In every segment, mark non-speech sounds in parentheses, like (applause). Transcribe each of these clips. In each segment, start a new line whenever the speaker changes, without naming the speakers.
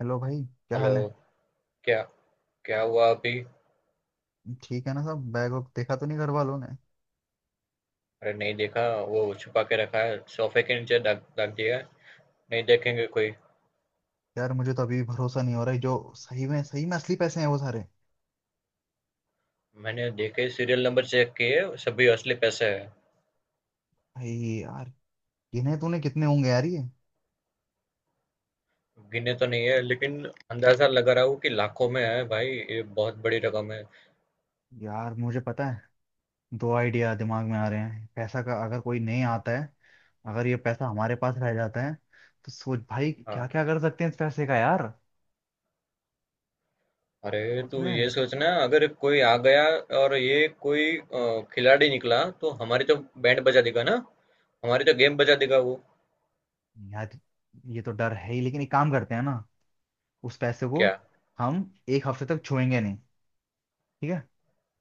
Hello भाई, क्या
hello.
हाल है?
क्या? क्या हुआ अभी?
ठीक है ना? सब बैग वैग देखा तो नहीं घर वालों ने?
अरे नहीं देखा। वो छुपा के रखा है, सोफे के नीचे रख रख दिया है। नहीं देखेंगे कोई।
यार मुझे तो अभी भी भरोसा नहीं हो रहा है, जो सही में असली पैसे हैं वो सारे।
मैंने देखे, सीरियल नंबर चेक किए, सभी असली पैसे हैं।
भाई, यार गिने तूने कितने होंगे यार ये?
गिने तो नहीं है लेकिन अंदाजा लगा रहा हूँ कि लाखों में है भाई, ये बहुत बड़ी रकम है।
यार मुझे पता है। दो आइडिया दिमाग में आ रहे हैं पैसा का, अगर कोई नहीं आता है, अगर ये पैसा हमारे पास रह जाता है, तो सोच भाई क्या क्या
हाँ,
कर सकते हैं इस पैसे का यार।
अरे
सोच
तू
रहे
ये
हैं।
सोचना, अगर कोई आ गया और ये कोई खिलाड़ी निकला तो हमारी तो बैंड बजा देगा ना। हमारी तो गेम बजा देगा वो।
यार ये तो डर है ही, लेकिन एक काम करते हैं ना। उस पैसे को
क्या?
हम एक हफ्ते तक छुएंगे नहीं। ठीक है।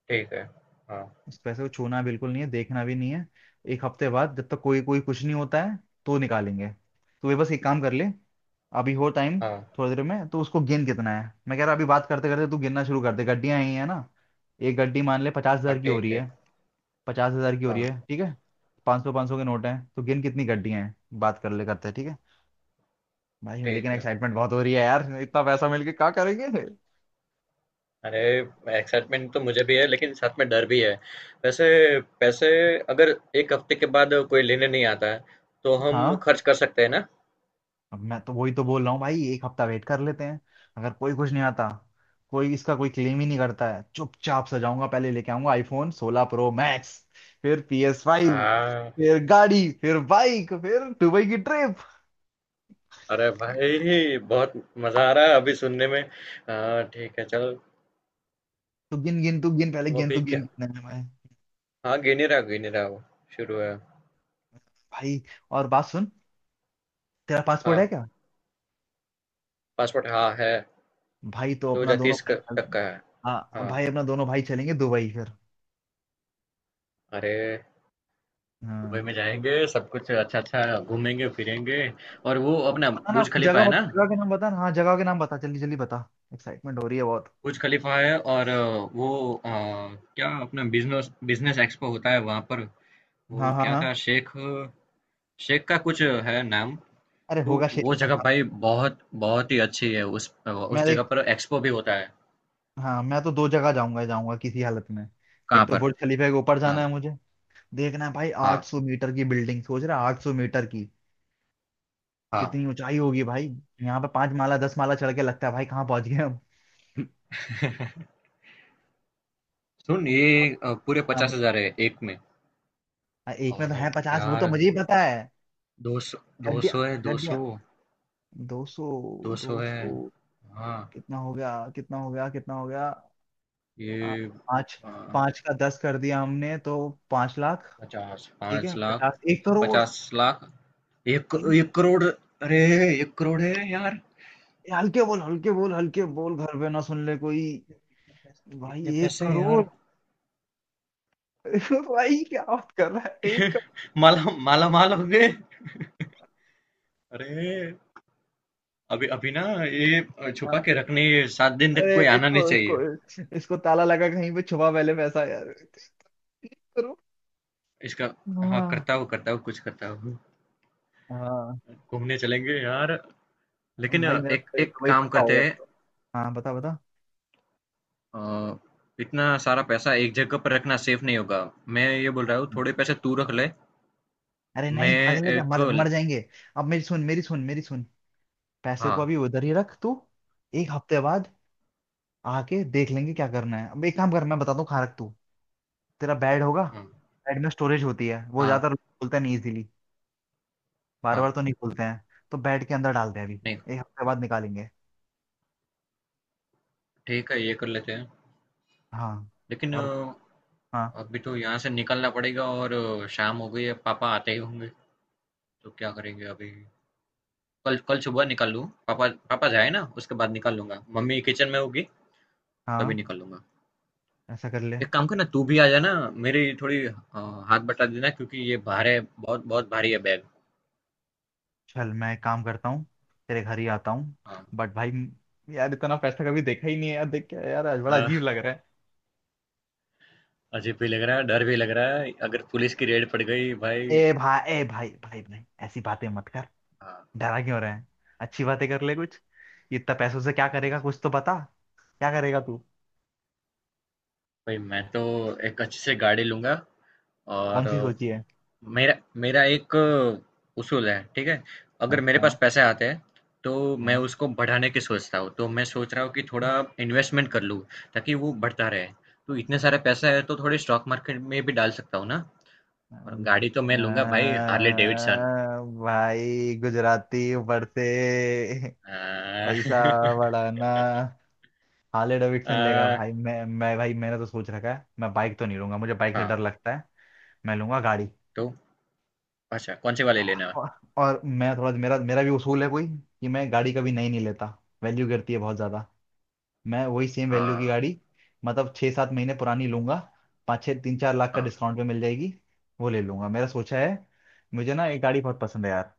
ठीक है। हाँ।
इस पैसे को छूना बिल्कुल नहीं है, देखना भी नहीं है। एक हफ्ते बाद, जब तक कोई कोई कुछ नहीं होता है, तो निकालेंगे। तो वे बस एक काम कर ले, अभी हो टाइम।
हाँ।
थोड़ी देर में तो उसको गिन कितना है, मैं कह रहा अभी बात करते करते तू गिनना शुरू कर दे, गड्डियां आई है ना। एक गड्डी मान ले पचास
हाँ
हजार की हो रही
ठीक है।
है। 50,000 की हो
हाँ
रही है, ठीक है। पाँच सौ के नोट हैं, तो गिन कितनी गड्डियां हैं, बात कर ले, करते हैं, ठीक है। भाई, लेकिन
ठीक है।
एक्साइटमेंट बहुत हो रही है यार, इतना पैसा मिलके क्या करेंगे?
अरे एक्साइटमेंट तो मुझे भी है लेकिन साथ में डर भी है। वैसे पैसे अगर एक हफ्ते के बाद कोई लेने नहीं आता है तो हम
हाँ,
खर्च कर सकते हैं ना।
अब मैं तो वही तो बोल रहा हूँ भाई, एक हफ्ता वेट कर लेते हैं। अगर कोई कुछ नहीं आता, कोई इसका कोई क्लेम ही नहीं करता है, चुपचाप सजाऊंगा, पहले लेके आऊंगा आईफोन 16 प्रो मैक्स, फिर PS5,
हाँ,
फिर गाड़ी, फिर बाइक, फिर दुबई की ट्रिप।
अरे भाई बहुत मजा आ रहा है अभी सुनने में। हाँ ठीक है, चल।
तू गिन गिन, तू गिन पहले,
तो
गिन
अभी
तू
क्या?
गिन कितने में, मैं
हाँ, गिनी रहा वो, शुरू है।
भाई और बात सुन, तेरा पासपोर्ट है
हाँ,
क्या?
पासपोर्ट हाँ है,
भाई तो
दो
अपना
हजार
दोनों
तीस
भाई,
तक का है।
हाँ
हाँ,
भाई अपना दोनों भाई चलेंगे दुबई फिर।
अरे दुबई
हाँ।
में जाएंगे, सब कुछ अच्छा अच्छा घूमेंगे फिरेंगे। और वो
आपको
अपना
पता ना,
बुर्ज
आपको
खलीफा है ना।
जगह के नाम बता ना, हाँ जगह के नाम बता जल्दी जल्दी बता, एक्साइटमेंट हो रही है बहुत।
बुर्ज खलीफा है और वो अ, क्या अपना बिजनेस बिजनेस एक्सपो होता है वहां पर। वो
हाँ, हाँ,
क्या था,
हाँ।
शेख, शेख का कुछ है नाम।
अरे
तो
होगा शेर
वो
का,
जगह
हाँ।
भाई बहुत बहुत ही अच्छी है, उस
मैं
उस
एक
जगह पर एक्सपो भी होता है।
हाँ मैं तो दो जगह जाऊंगा ही जाऊंगा किसी हालत में।
कहाँ
एक तो
पर?
बुर्ज खलीफा के ऊपर
कहाँ?
जाना है मुझे, देखना है भाई
हाँ।
800 मीटर की बिल्डिंग, सोच रहा 800 मीटर की,
हाँ।
कितनी ऊंचाई होगी भाई। यहाँ पे 5 माला 10 माला चढ़ के लगता है भाई कहाँ पहुंच गए हम।
(laughs) सुन ये,
और
पूरे
अब
पचास हजार है एक में।
एक में
और
तो है 50, वो
यार
तो मुझे ही पता है।
दो सौ, दो
गड्डिया,
सौ है, दो
गड्डिया
सौ।
200,
दो
दो
सौ है।
सौ
हाँ।
कितना हो गया कितना हो गया कितना हो गया?
ये
5, 5 का 10 कर दिया हमने तो। 5 लाख।
पचास,
ठीक
पाँच
है
लाख,
50, 1 करोड़।
पचास लाख, एक करोड़। अरे एक करोड़ है यार।
ये हल्के बोल हल्के बोल हल्के बोल, घर पे ना सुन ले कोई।
इतने
भाई एक
पैसे हैं
करोड़
यार।
(laughs) भाई क्या बात कर रहा है?
(laughs)
एक
माला माला माल हो गए। अरे अभी अभी ना ये
करोड़
छुपा के
हाँ।
रखने, ये सात दिन तक
अरे
कोई आना
इसको
नहीं
इसको
चाहिए
इसको ताला लगा कहीं पे छुपा पहले पैसा यार, 1 करोड़।
इसका। हाँ
हाँ।
करता हूँ, करता हूँ कुछ करता हूँ।
हाँ
घूमने चलेंगे यार, लेकिन
भाई, मेरा
एक
तो, ये
एक
तो भाई
काम
पक्का हो गया
करते हैं।
तो। हाँ बता बता।
अ, इतना सारा पैसा एक जगह पर रखना सेफ नहीं होगा। मैं ये बोल रहा हूँ
हाँ।
थोड़े पैसे तू रख ले।
अरे नहीं
मैं
भागले क्या,
एक।
मर मर जाएंगे। अब मेरी सुन मेरी सुन मेरी सुन, पैसे को
हाँ।
अभी उधर ही रख तू। एक हफ्ते बाद आके देख लेंगे क्या करना है, अब एक काम कर मैं बताता हूँ, खा रख तू। तेरा बेड होगा,
हाँ।
बैड में स्टोरेज होती है, वो
हाँ।
ज्यादातर बोलते नहीं इजीली, बार बार
हाँ।
तो नहीं बोलते हैं। तो बैड के अंदर डालते हैं अभी,
नहीं।
एक हफ्ते बाद निकालेंगे।
ठीक है ये कर लेते हैं,
हाँ।
लेकिन
और हाँ,
अभी तो यहाँ से निकलना पड़ेगा और शाम हो गई है, पापा आते ही होंगे। तो क्या करेंगे अभी? कल कल सुबह निकल लूँ, पापा पापा जाए ना उसके बाद निकल लूंगा, मम्मी किचन में होगी तभी
हाँ,
निकल लूंगा।
ऐसा कर ले।
एक काम करना, तू भी आ जाना। मेरी थोड़ी हाथ बटा देना, क्योंकि ये भार है, बहुत बहुत भारी है बैग।
चल मैं एक काम करता हूँ, तेरे घर ही आता हूँ।
हाँ,
बट भाई, यार इतना पैसा कभी देखा ही नहीं है यार, देख के यार आज बड़ा
अ,
अजीब लग रहा है।
अजीब भी लग रहा है, डर भी लग रहा है, अगर पुलिस की रेड पड़ गई भाई।
ए भाई, ए भाई, भाई, भाई, ऐसी बातें मत कर,
हाँ,
डरा क्यों रहे हैं? अच्छी बातें कर ले कुछ, इतना पैसों से क्या करेगा कुछ तो बता, क्या करेगा तू?
भाई मैं तो एक अच्छे से गाड़ी लूँगा।
कौन
और
सी सोची है?
मेरा मेरा एक उसूल है, ठीक है?
हाँ,
अगर मेरे पास
हाँ,
पैसे आते हैं तो मैं
हाँ।
उसको बढ़ाने की सोचता हूँ। तो मैं सोच रहा हूँ कि थोड़ा इन्वेस्टमेंट कर लूँ ताकि वो बढ़ता रहे। तो इतने सारे पैसे हैं तो थोड़े स्टॉक मार्केट में भी डाल सकता हूँ ना?
हाँ।
और गाड़ी तो मैं लूँगा भाई, हार्ले डेविडसन।
भाई गुजराती ऊपर से
(laughs) अ,
पैसा बढ़ाना, हार्ले डेविडसन लेगा
अ,
भाई। मैं भाई, मैंने तो सोच रखा है मैं बाइक तो नहीं लूंगा, मुझे बाइक से
हाँ,
डर लगता है। मैं लूंगा गाड़ी।
तो अच्छा कौन से वाले लेना है?
और, और मैं थोड़ा, मेरा मेरा भी उसूल है कोई, कि मैं गाड़ी कभी नई नहीं लेता, वैल्यू गिरती है बहुत ज्यादा। मैं वही सेम वैल्यू
हाँ,
की गाड़ी, मतलब छः सात महीने पुरानी लूंगा, पाँच छः तीन चार लाख का
हाँ,
डिस्काउंट पे मिल जाएगी, वो ले लूंगा, मेरा सोचा है। मुझे ना एक गाड़ी बहुत पसंद है यार,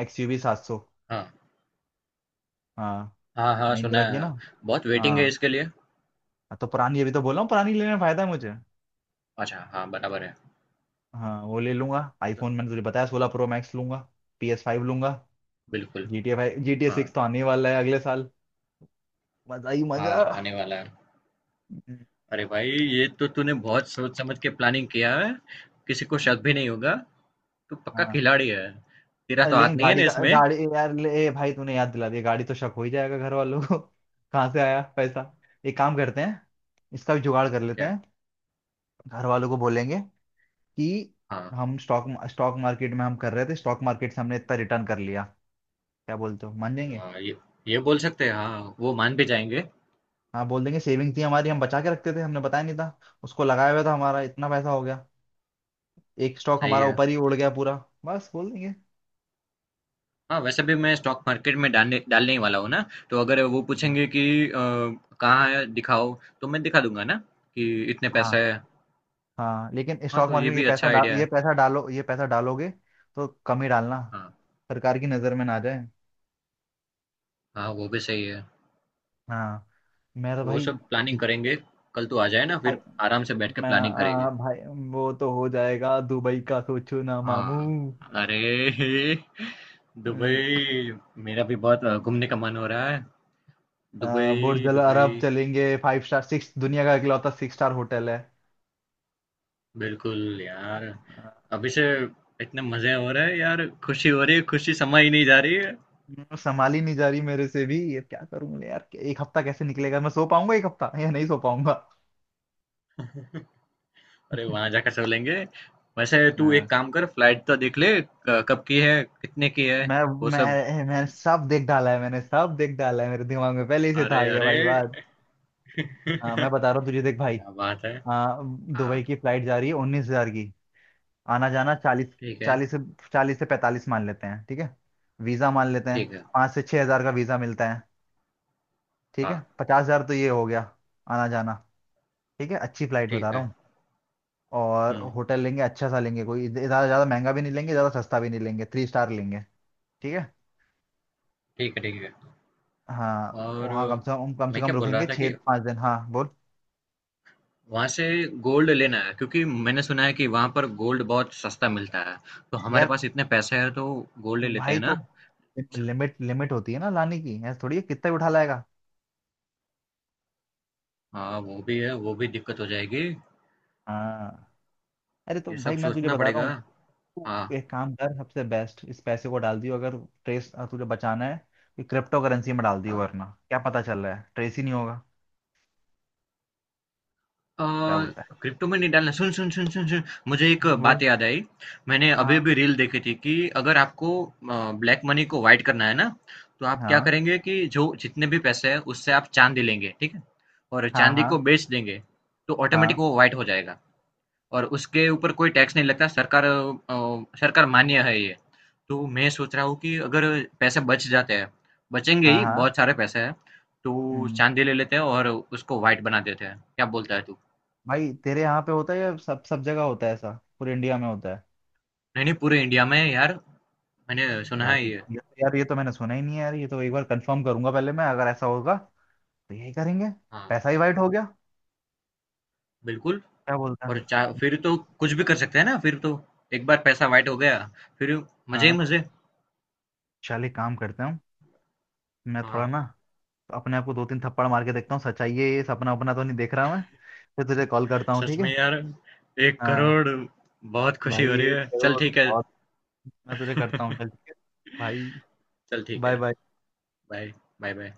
एक्सयूवी 700।
हाँ।
हाँ।
हाँ, हाँ, सुना
महिंद्रा
है,
की है ना?
हाँ। बहुत वेटिंग है
हाँ
इसके लिए?
तो पुरानी, अभी तो बोल रहा हूँ पुरानी लेने में फायदा है मुझे।
अच्छा, हाँ, बराबर है।
हाँ, वो ले लूंगा, आईफोन मैंने तुझे बताया 16 प्रो मैक्स लूंगा, PS5 लूंगा,
बिल्कुल,
GTA 5 जी टी ए
हाँ,
सिक्स तो आने ही वाला है अगले साल, मजा ही मजा।
हाँ, आने वाला है। अरे भाई, ये तो तूने बहुत सोच समझ के प्लानिंग किया है। किसी को शक भी नहीं होगा। तू पक्का
हाँ।
खिलाड़ी है। तेरा
अरे
तो हाथ
लेकिन
नहीं है
गाड़ी
ना
का,
इसमें?
गाड़ी यार ले भाई, तूने याद दिला दिया, गाड़ी तो शक हो ही जाएगा घर वालों को, (laughs) कहाँ से आया पैसा। एक काम करते हैं, इसका भी जुगाड़ कर लेते
क्या?
हैं। घर वालों को बोलेंगे कि
हाँ,
हम स्टॉक स्टॉक मार्केट में हम कर रहे थे, स्टॉक मार्केट से हमने इतना रिटर्न कर लिया, क्या बोलते हो, मान जाएंगे।
हाँ, ये बोल सकते हैं, हाँ, वो मान भी जाएंगे।
हाँ बोल देंगे, सेविंग थी हमारी, हम बचा के रखते थे, हमने बताया नहीं था, उसको लगाया हुआ था हमारा, इतना पैसा हो गया, एक स्टॉक
सही
हमारा
है।
ऊपर ही उड़ गया पूरा, बस बोल देंगे।
हाँ, वैसे भी मैं स्टॉक मार्केट में डालने डालने ही वाला हूँ ना, तो अगर वो
हम्म।
पूछेंगे कि अ, कहाँ है, दिखाओ, तो मैं दिखा दूंगा ना कि इतने पैसे
हाँ,
हैं।
हाँ, लेकिन
हाँ,
स्टॉक
तो ये
मार्केट, ये
भी अच्छा
पैसा डाल,
आइडिया
ये
है।
पैसा डालो, ये पैसा डालोगे, तो कम ही डालना,
हाँ,
सरकार की नजर में ना जाए।
हाँ, वो भी सही है।
हाँ। मैं तो
वो
भाई,
सब प्लानिंग करेंगे। कल तू आ जाए ना,
भाई
फिर आराम से बैठ के
मैं
प्लानिंग करेंगे।
भाई, वो तो हो जाएगा, दुबई का सोचो ना मामू।
हाँ, अरे (laughs)
अम,
दुबई, मेरा भी बहुत घूमने का मन हो रहा है।
बुर्ज
दुबई
अल अरब
दुबई
चलेंगे, फाइव स्टार सिक्स, दुनिया का इकलौता सिक्स स्टार होटल है।
बिल्कुल यार।
आ,
अभी से इतने मजे हो रहे हैं यार, खुशी हो रही है, खुशी समा ही नहीं जा रही है।
संभाल ही नहीं जा रही मेरे से भी, ये क्या करूंगा यार, एक हफ्ता कैसे निकलेगा, मैं सो पाऊंगा एक हफ्ता या नहीं सो पाऊंगा।
अरे वहां जाकर सो लेंगे। वैसे तू
हाँ।
एक काम कर, फ्लाइट तो देख ले, कब की है, कितने की है,
मैं
वो सब।
मैं सब देख डाला है, मैंने सब देख डाला है, मेरे दिमाग में पहले ही से था
अरे
ये
अरे
भाई बात।
(laughs)
हाँ, मैं बता रहा
क्या
हूँ तुझे देख भाई।
बात है?
हाँ।
हाँ
दुबई की फ्लाइट जा रही है 19,000 की, आना जाना 40,
ठीक है,
चालीस से चालीस से 45 मान लेते हैं, ठीक है। वीज़ा मान लेते हैं,
ठीक है।
पाँच से छः हजार का वीज़ा मिलता है, ठीक
हाँ,
है, 50,000 तो ये हो गया आना जाना, ठीक है, अच्छी फ्लाइट बता
ठीक
रहा
है।
हूँ। और
हुँ,
होटल लेंगे, अच्छा सा लेंगे, कोई ज़्यादा ज़्यादा महंगा भी नहीं लेंगे, ज़्यादा सस्ता भी नहीं लेंगे, थ्री स्टार लेंगे, ठीक है।
ठीक है, ठीक है।
हाँ।
और
वहाँ कम से कम कम से
मैं
कम
क्या बोल रहा
रुकेंगे
था
छः
कि
पाँच दिन, हाँ बोल।
वहाँ से गोल्ड लेना है, क्योंकि मैंने सुना है कि वहाँ पर गोल्ड बहुत सस्ता मिलता है। तो हमारे
यार
पास इतने पैसे हैं तो गोल्ड ले लेते
भाई,
हैं
तो
ना? च
लिमिट लिमिट होती है ना लाने की, ऐसा थोड़ी है कितना भी उठा लाएगा।
हाँ, वो भी है, वो भी दिक्कत हो जाएगी।
हाँ। अरे तो
ये
भाई
सब
मैं तुझे
सोचना
बता रहा
पड़ेगा।
हूँ, तू
हाँ,
एक काम कर, सबसे बेस्ट इस पैसे को डाल दियो, अगर ट्रेस तुझे बचाना है तो क्रिप्टो करेंसी में डाल दियो,
हाँ।
वरना क्या पता चल रहा है, ट्रेस ही नहीं होगा।
अ,
क्या बोलता
क्रिप्टो में नहीं डालना। सुन सुन सुन सुन सुन, मुझे एक
है बोल।
बात याद आई। मैंने अभी
हाँ,
अभी रील देखी थी कि अगर आपको ब्लैक मनी को वाइट करना है ना, तो आप क्या
हाँ,
करेंगे कि जो जितने भी पैसे हैं उससे आप चांदी लेंगे, ठीक है, और
हाँ,
चांदी
हाँ,
को बेच देंगे, तो ऑटोमेटिक
हाँ,
वो वाइट हो जाएगा। और उसके ऊपर कोई टैक्स नहीं लगता, सरकार सरकार मान्य है ये। तो मैं सोच रहा हूँ कि अगर पैसे बच जाते हैं, बचेंगे
हाँ,
ही,
हाँ।
बहुत सारे पैसे हैं, तो
हम्म।
चांदी ले लेते हैं और उसको वाइट बना देते हैं। क्या बोलता है तू?
भाई तेरे यहाँ पे होता है या सब सब जगह होता है ऐसा, पूरे इंडिया में होता है?
नहीं, नहीं, पूरे इंडिया में यार, मैंने सुना
यार
है ये।
तो, यार ये तो मैंने सुना ही नहीं है यार, ये तो एक बार कंफर्म करूंगा पहले मैं, अगर ऐसा होगा तो यही करेंगे।
हाँ,
पैसा ही वाइट हो गया,
बिल्कुल।
क्या बोलता
और
है?
चा फिर तो कुछ भी कर सकते हैं ना, फिर तो। एक बार पैसा व्हाइट हो गया, फिर मज़े
हाँ।
ही मज़े।
चल एक काम करता हूँ, मैं थोड़ा
हाँ,
ना अपने आप को दो तीन थप्पड़ मार के देखता हूँ, सच्चाई है ये, सपना अपना तो नहीं देख रहा मैं। फिर तुझे कॉल करता हूँ,
सच
ठीक
में
है।
यार, 1
हाँ।
करोड़, बहुत खुशी
भाई
हो रही
एक
है। चल
करोड़
ठीक है।
बहुत, मैं तुझे करता हूँ, चल
(laughs)
ठीक है, भाई,
चल ठीक
बाय
है।
बाय।
Bye, bye-bye.